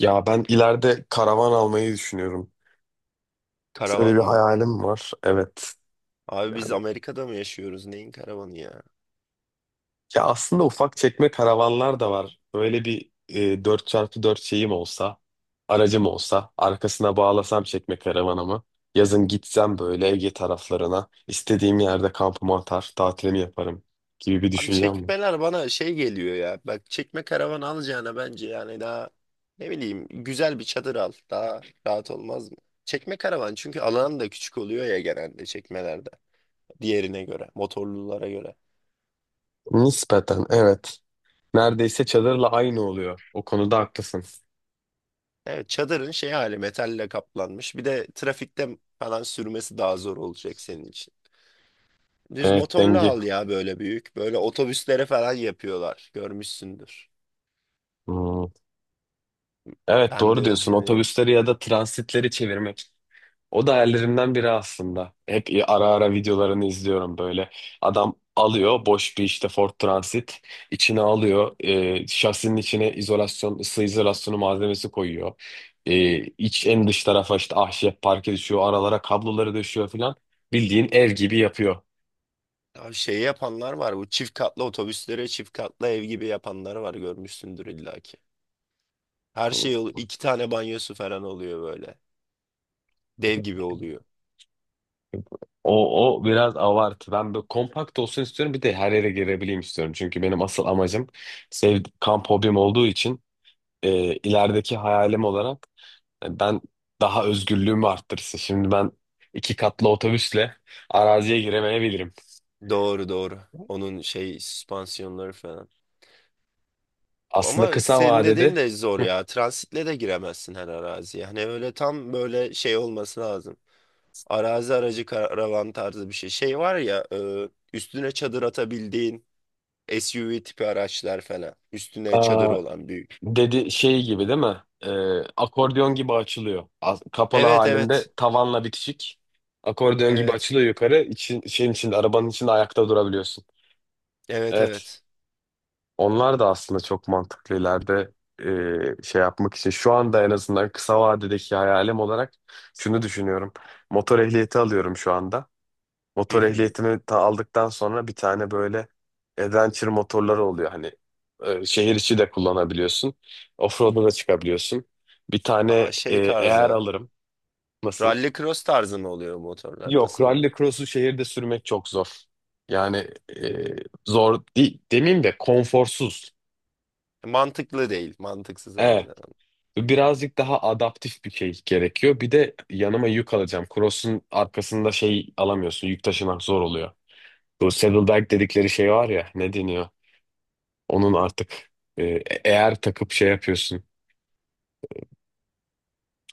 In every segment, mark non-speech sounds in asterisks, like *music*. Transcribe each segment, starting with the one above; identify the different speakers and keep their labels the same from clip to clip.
Speaker 1: Ya ben ileride karavan almayı düşünüyorum. Böyle
Speaker 2: Karavan
Speaker 1: bir
Speaker 2: mı?
Speaker 1: hayalim var. Evet.
Speaker 2: Abi biz
Speaker 1: Yani
Speaker 2: Amerika'da mı yaşıyoruz? Neyin karavanı ya?
Speaker 1: ya aslında ufak çekme karavanlar da var. Böyle bir 4x4 şeyim olsa, aracım olsa, arkasına bağlasam çekme karavanımı. Yazın gitsem böyle Ege taraflarına, istediğim yerde kampımı atar, tatilimi yaparım gibi bir
Speaker 2: Abi
Speaker 1: düşüncem var.
Speaker 2: çekmeler bana şey geliyor ya. Bak çekme karavan alacağına bence yani daha ne bileyim güzel bir çadır al. Daha rahat olmaz mı? Çekme karavan çünkü alan da küçük oluyor ya genelde çekmelerde. Diğerine göre, motorlulara göre.
Speaker 1: Nispeten evet. Neredeyse çadırla aynı oluyor. O konuda haklısın.
Speaker 2: Evet, çadırın şey hali metalle kaplanmış. Bir de trafikte falan sürmesi daha zor olacak senin için. Düz
Speaker 1: Evet,
Speaker 2: motorlu
Speaker 1: denge.
Speaker 2: al ya, böyle büyük. Böyle otobüslere falan yapıyorlar. Görmüşsündür.
Speaker 1: Hmm. Evet,
Speaker 2: Ben de
Speaker 1: doğru diyorsun.
Speaker 2: özleniyorum.
Speaker 1: Otobüsleri ya da transitleri çevirmek. O da hayallerimden biri aslında. Hep ara ara videolarını izliyorum böyle. Adam alıyor boş bir işte Ford Transit. İçine alıyor. Şasinin içine izolasyon, ısı izolasyonu malzemesi koyuyor. İç en dış tarafa işte ahşap parke düşüyor. Aralara kabloları düşüyor falan. Bildiğin ev gibi yapıyor.
Speaker 2: Abi şey yapanlar var. Bu çift katlı otobüslere çift katlı ev gibi yapanlar var. Görmüşsündür illaki. Her şey ol, iki tane banyosu falan oluyor böyle. Dev gibi oluyor.
Speaker 1: O biraz avartı. Ben böyle kompakt olsun istiyorum. Bir de her yere girebileyim istiyorum. Çünkü benim asıl amacım sev kamp hobim olduğu için ilerideki hayalim olarak ben daha özgürlüğümü arttırsın. Şimdi ben iki katlı otobüsle araziye giremeyebilirim.
Speaker 2: Doğru, doğru. Onun şey süspansiyonları falan.
Speaker 1: Aslında
Speaker 2: Ama
Speaker 1: kısa
Speaker 2: senin
Speaker 1: vadede.
Speaker 2: dediğin de zor
Speaker 1: Hı.
Speaker 2: ya. Transitle de giremezsin her araziye. Hani öyle tam böyle şey olması lazım. Arazi aracı karavan tarzı bir şey. Şey var ya, üstüne çadır atabildiğin SUV tipi araçlar falan. Üstüne çadır
Speaker 1: Aa,
Speaker 2: olan büyük.
Speaker 1: dedi şey gibi değil mi? Ee, akordeon gibi açılıyor. Kapalı
Speaker 2: Evet, evet.
Speaker 1: halinde tavanla bitişik. Akordeon gibi
Speaker 2: Evet.
Speaker 1: açılıyor yukarı. Şeyin içinde, arabanın içinde ayakta durabiliyorsun.
Speaker 2: Evet,
Speaker 1: Evet.
Speaker 2: evet.
Speaker 1: Onlar da aslında çok mantıklı ileride şey yapmak için. Şu anda en azından kısa vadedeki hayalim olarak şunu düşünüyorum. Motor ehliyeti alıyorum şu anda.
Speaker 2: Hı
Speaker 1: Motor
Speaker 2: hı.
Speaker 1: ehliyetimi ta aldıktan sonra bir tane böyle adventure motorları oluyor. Hani şehir içi de kullanabiliyorsun. Offroad'a da çıkabiliyorsun. Bir tane
Speaker 2: Aa, şey
Speaker 1: eğer
Speaker 2: tarzı.
Speaker 1: alırım. Nasıl?
Speaker 2: Rally cross tarzı mı oluyor motorlar?
Speaker 1: Yok,
Speaker 2: Nasıl oluyor?
Speaker 1: rally cross'u şehirde sürmek çok zor. Yani e, zor değil, demeyeyim de konforsuz.
Speaker 2: Mantıklı değil. Mantıksız aynı
Speaker 1: Evet.
Speaker 2: zamanda.
Speaker 1: Birazcık daha adaptif bir şey gerekiyor. Bir de yanıma yük alacağım. Cross'un arkasında şey alamıyorsun. Yük taşımak zor oluyor. Bu saddlebag dedikleri şey var ya, ne deniyor? Onun artık e, eğer takıp şey yapıyorsun.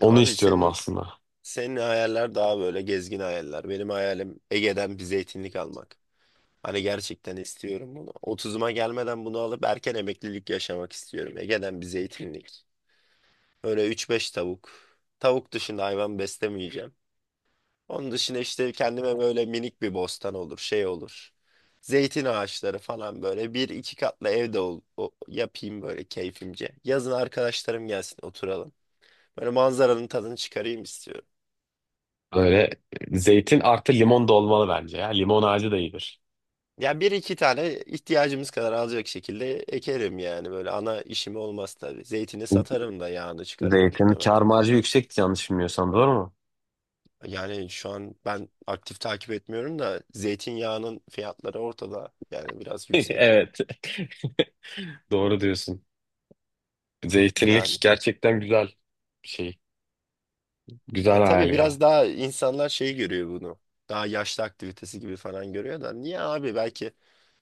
Speaker 1: Onu
Speaker 2: Abi
Speaker 1: istiyorum
Speaker 2: senin
Speaker 1: aslında.
Speaker 2: senin hayaller daha böyle gezgin hayaller. Benim hayalim Ege'den bir zeytinlik almak. Hani gerçekten istiyorum bunu. Otuzuma gelmeden bunu alıp erken emeklilik yaşamak istiyorum. Ege'den bir zeytinlik. Böyle üç beş tavuk. Tavuk dışında hayvan beslemeyeceğim. Onun dışında işte kendime böyle minik bir bostan olur, şey olur. Zeytin ağaçları falan böyle bir iki katlı evde yapayım böyle keyfimce. Yazın arkadaşlarım gelsin, oturalım. Böyle manzaranın tadını çıkarayım istiyorum.
Speaker 1: Böyle zeytin artı limon da olmalı bence ya. Limon ağacı da iyidir.
Speaker 2: Ya bir iki tane ihtiyacımız kadar alacak şekilde ekerim yani, böyle ana işim olmaz tabii. Zeytini satarım da yağını çıkarıp
Speaker 1: Zeytin
Speaker 2: muhtemelen.
Speaker 1: kâr marjı yüksek, yanlış bilmiyorsam, doğru mu?
Speaker 2: Yani şu an ben aktif takip etmiyorum da zeytinyağının fiyatları ortada yani, biraz
Speaker 1: *laughs*
Speaker 2: yüksek.
Speaker 1: Evet. *laughs* Doğru diyorsun. Zeytinlik
Speaker 2: Yani,
Speaker 1: gerçekten güzel bir şey. Güzel
Speaker 2: ya
Speaker 1: hayal
Speaker 2: tabii
Speaker 1: ya.
Speaker 2: biraz daha insanlar şey görüyor bunu. Daha yaşlı aktivitesi gibi falan görüyor da, niye abi, belki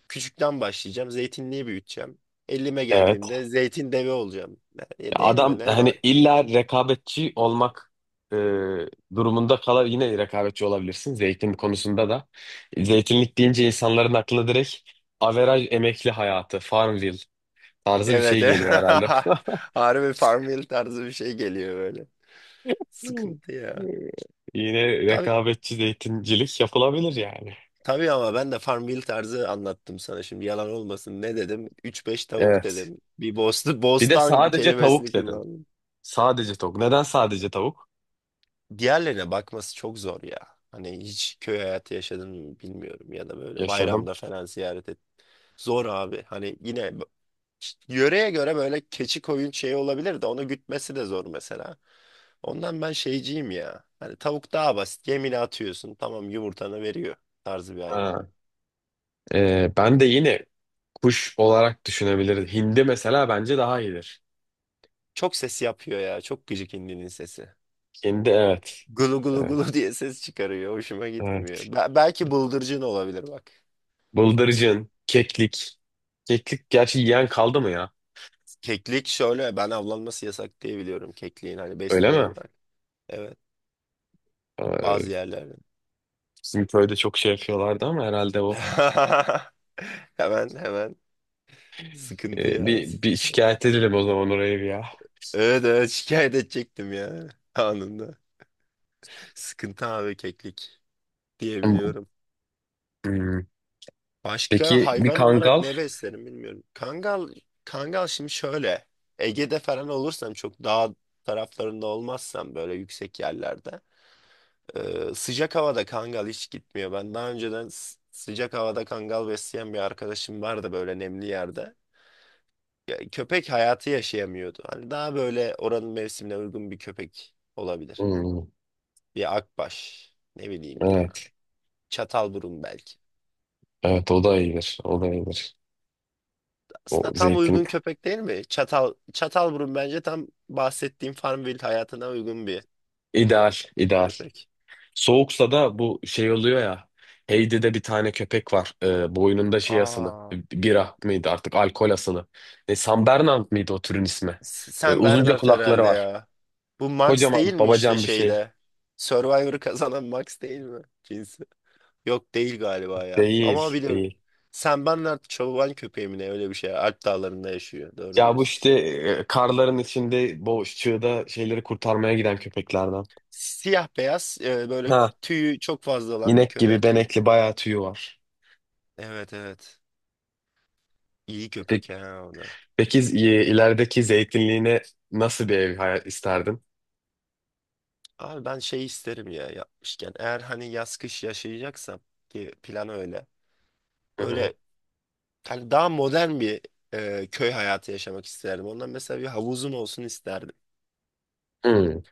Speaker 2: küçükten başlayacağım, zeytinliği büyüteceğim. 50'me
Speaker 1: Evet.
Speaker 2: geldiğimde zeytin devi olacağım. E, değil mi?
Speaker 1: Adam
Speaker 2: Ne mal?
Speaker 1: hani illa rekabetçi olmak e, durumunda kalar, yine rekabetçi olabilirsin zeytin konusunda da. Zeytinlik deyince insanların aklına direkt averaj emekli hayatı, Farmville tarzı bir
Speaker 2: Evet.
Speaker 1: şey
Speaker 2: *laughs* Evet.
Speaker 1: geliyor herhalde. *laughs*
Speaker 2: Harbi Farmville tarzı bir şey geliyor böyle. Sıkıntı ya.
Speaker 1: Yine
Speaker 2: Tabii,
Speaker 1: rekabetçi zeytincilik yapılabilir yani.
Speaker 2: tabii ama ben de Farmville tarzı anlattım sana, şimdi yalan olmasın. Ne dedim? Üç beş tavuk
Speaker 1: Evet.
Speaker 2: dedim. Bir
Speaker 1: Bir de
Speaker 2: bostan *laughs*
Speaker 1: sadece
Speaker 2: kelimesini
Speaker 1: tavuk dedim.
Speaker 2: kullandım.
Speaker 1: Sadece tavuk. Neden sadece tavuk?
Speaker 2: Diğerlerine bakması çok zor ya. Hani hiç köy hayatı yaşadın mı bilmiyorum, ya da böyle
Speaker 1: Yaşadım.
Speaker 2: bayramda falan ziyaret et. Zor abi. Hani yine yöreye göre böyle keçi, koyun şey olabilir de onu gütmesi de zor mesela. Ondan ben şeyciyim ya. Hani tavuk daha basit. Yemini atıyorsun. Tamam, yumurtanı veriyor tarzı bir hayvan.
Speaker 1: Ben de yine kuş olarak düşünebiliriz. Hindi mesela bence daha iyidir.
Speaker 2: Çok ses yapıyor ya. Çok gıcık indinin sesi.
Speaker 1: Hindi, evet.
Speaker 2: Gulu gulu
Speaker 1: Evet,
Speaker 2: gulu *laughs* diye ses çıkarıyor. Hoşuma
Speaker 1: evet.
Speaker 2: gitmiyor. Belki bıldırcın olabilir bak.
Speaker 1: Bıldırcın, keklik. Keklik gerçi yiyen kaldı mı ya?
Speaker 2: Keklik şöyle, ben avlanması yasak diye biliyorum kekliğin, hani
Speaker 1: Öyle
Speaker 2: beslemeyi
Speaker 1: mi?
Speaker 2: bırak. Evet,
Speaker 1: Ee,
Speaker 2: bazı yerlerde.
Speaker 1: bizim köyde çok şey yapıyorlardı ama herhalde o.
Speaker 2: *laughs* Hemen hemen sıkıntı
Speaker 1: Ee,
Speaker 2: ya.
Speaker 1: bir, bir şikayet edelim o zaman oraya bir ya.
Speaker 2: Evet, evet şikayet edecektim ya, anında. Sıkıntı abi, keklik diye biliyorum.
Speaker 1: Hmm.
Speaker 2: Başka
Speaker 1: Peki bir
Speaker 2: hayvan olarak
Speaker 1: kangal?
Speaker 2: ne beslerim bilmiyorum. Kangal, şimdi şöyle, Ege'de falan olursam, çok dağ taraflarında olmazsam, böyle yüksek yerlerde, sıcak havada kangal hiç gitmiyor. Ben daha önceden sıcak havada kangal besleyen bir arkadaşım vardı, böyle nemli yerde. Ya, köpek hayatı yaşayamıyordu. Hani daha böyle oranın mevsimine uygun bir köpek olabilir.
Speaker 1: Hmm.
Speaker 2: Bir akbaş, ne bileyim ya.
Speaker 1: Evet.
Speaker 2: Çatalburun belki.
Speaker 1: Evet, o da iyidir. O da iyidir. O
Speaker 2: Aslında tam
Speaker 1: zeytin.
Speaker 2: uygun köpek değil mi? Çatalburun bence tam bahsettiğim Farmville hayatına uygun bir
Speaker 1: İdeal, ideal.
Speaker 2: köpek.
Speaker 1: Soğuksa da bu şey oluyor ya. Heidi'de bir tane köpek var. Boynunda şey asılı.
Speaker 2: Aa,
Speaker 1: Bira mıydı, artık alkol asılı. Ne, San Bernard mıydı o türün ismi? Böyle
Speaker 2: Sen
Speaker 1: uzunca
Speaker 2: Bernard
Speaker 1: kulakları
Speaker 2: herhalde
Speaker 1: var.
Speaker 2: ya. Bu Max
Speaker 1: Kocaman
Speaker 2: değil mi işte
Speaker 1: babacan bir şey.
Speaker 2: şeyde? Survivor'ı kazanan Max değil mi cinsi? Yok, değil galiba ya. Ama
Speaker 1: Değil,
Speaker 2: biliyorum.
Speaker 1: değil.
Speaker 2: Sen Bernard çoban köpeği mi ne, öyle bir şey. Alp dağlarında yaşıyor. Doğru
Speaker 1: Ya, bu
Speaker 2: diyorsun.
Speaker 1: işte karların içinde boş çığda şeyleri kurtarmaya giden köpeklerden.
Speaker 2: Siyah beyaz, böyle
Speaker 1: Ha.
Speaker 2: tüyü çok fazla olan bir
Speaker 1: inek gibi
Speaker 2: köpek.
Speaker 1: benekli, bayağı tüyü var.
Speaker 2: Evet, evet. İyi
Speaker 1: Peki,
Speaker 2: köpek ha, o da.
Speaker 1: peki ilerideki zeytinliğine nasıl bir ev hayal isterdin?
Speaker 2: Abi ben şey isterim ya, yapmışken. Eğer hani yaz kış yaşayacaksam, ki plan öyle,
Speaker 1: Hı hı.
Speaker 2: böyle hani daha modern bir köy hayatı yaşamak isterdim. Ondan mesela bir havuzum olsun isterdim.
Speaker 1: Hı.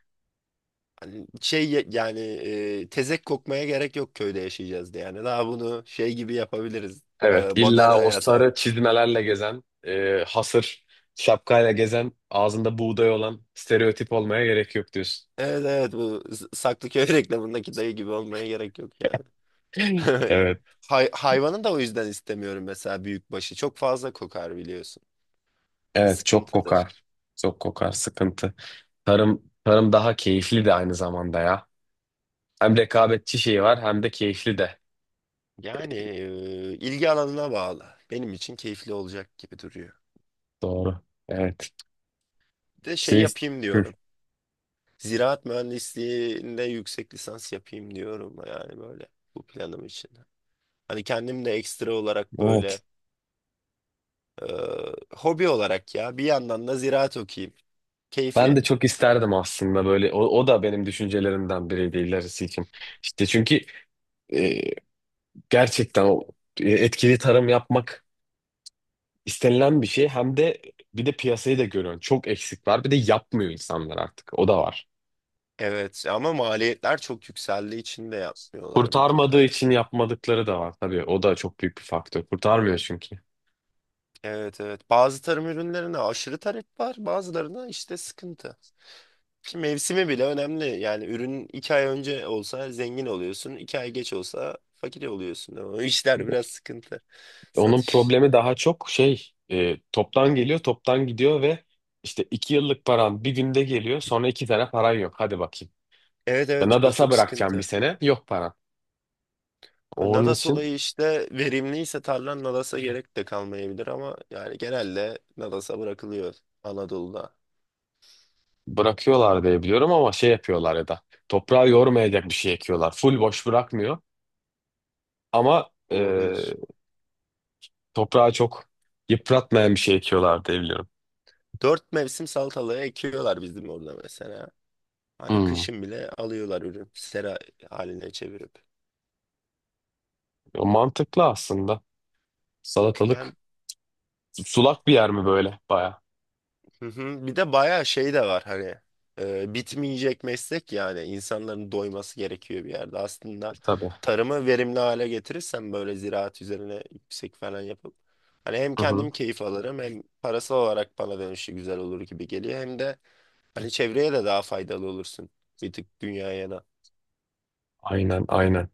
Speaker 2: Hani şey yani, tezek kokmaya gerek yok köyde yaşayacağız diye. Yani daha bunu şey gibi yapabiliriz,
Speaker 1: Evet,
Speaker 2: modern
Speaker 1: illa o
Speaker 2: hayata.
Speaker 1: sarı çizmelerle gezen, hasır şapkayla gezen, ağzında buğday olan stereotip olmaya gerek yok diyorsun.
Speaker 2: Evet, evet bu Saklıköy *laughs* reklamındaki dayı gibi olmaya gerek yok yani.
Speaker 1: *laughs* Evet,
Speaker 2: *laughs* Hayvanı da o yüzden istemiyorum mesela, büyükbaşı. Çok fazla kokar, biliyorsun.
Speaker 1: evet, çok
Speaker 2: Sıkıntıdır.
Speaker 1: kokar. Çok kokar, sıkıntı. Tarım daha keyifli de aynı zamanda ya. Hem rekabetçi şeyi var, hem de keyifli de.
Speaker 2: Yani ilgi alanına bağlı. Benim için keyifli olacak gibi duruyor.
Speaker 1: Doğru. Evet.
Speaker 2: Bir de şey
Speaker 1: Şey,
Speaker 2: yapayım
Speaker 1: Hı,
Speaker 2: diyorum. Ziraat mühendisliğinde yüksek lisans yapayım diyorum, yani böyle bu planım için. Hani kendim de ekstra olarak
Speaker 1: evet.
Speaker 2: böyle e, hobi olarak ya, bir yandan da ziraat okuyayım.
Speaker 1: Ben de
Speaker 2: Keyfi.
Speaker 1: çok isterdim aslında böyle. O da benim düşüncelerimden biriydi ilerisi için. İşte çünkü e, gerçekten o etkili tarım yapmak istenilen bir şey, hem de bir de piyasayı da görüyorsun. Çok eksik var. Bir de yapmıyor insanlar artık. O da var.
Speaker 2: Evet ama maliyetler çok yükseldiği için de yapmıyorlar bir tık
Speaker 1: Kurtarmadığı
Speaker 2: hani.
Speaker 1: için yapmadıkları da var. Tabii o da çok büyük bir faktör. Kurtarmıyor çünkü.
Speaker 2: Evet, evet bazı tarım ürünlerine aşırı talep var, bazılarına işte sıkıntı. Ki mevsimi bile önemli yani, ürün 2 ay önce olsa zengin oluyorsun, 2 ay geç olsa fakir oluyorsun. O işler biraz sıkıntı,
Speaker 1: Onun
Speaker 2: satış.
Speaker 1: problemi daha çok şey, toptan geliyor, toptan gidiyor ve işte iki yıllık paran bir günde geliyor. Sonra iki tane paran yok. Hadi bakayım.
Speaker 2: Evet, evet o
Speaker 1: Nadas'a
Speaker 2: çok
Speaker 1: bırakacağım bir
Speaker 2: sıkıntı.
Speaker 1: sene. Yok paran. Onun
Speaker 2: Nada
Speaker 1: için
Speaker 2: sulayı işte, verimliyse tarlan Nadas'a gerek de kalmayabilir ama yani genelde Nadas'a bırakılıyor Anadolu'da.
Speaker 1: bırakıyorlar diye biliyorum ama şey yapıyorlar, ya da toprağı yormayacak bir şey ekiyorlar. Full boş bırakmıyor ama
Speaker 2: Olabilir.
Speaker 1: toprağı çok yıpratmayan bir şey ekiyorlar diye biliyorum.
Speaker 2: Dört mevsim salatalığı ekiyorlar bizim orada mesela. Hani
Speaker 1: Hmm.
Speaker 2: kışın bile alıyorlar ürün, sera haline çevirip.
Speaker 1: O mantıklı aslında.
Speaker 2: Yani.
Speaker 1: Salatalık. Sulak bir yer mi böyle? Baya.
Speaker 2: Hı hı. Bir de bayağı şey de var hani, bitmeyecek meslek yani, insanların doyması gerekiyor bir yerde. Aslında
Speaker 1: Tabii.
Speaker 2: tarımı verimli hale getirirsen, böyle ziraat üzerine yüksek falan yapıp, hani hem
Speaker 1: Hı hı.
Speaker 2: kendim keyif alırım, hem parasal olarak bana dönüşü güzel olur gibi geliyor, hem de hani çevreye de daha faydalı olursun. Bir tık dünyaya da.
Speaker 1: Aynen, aynen.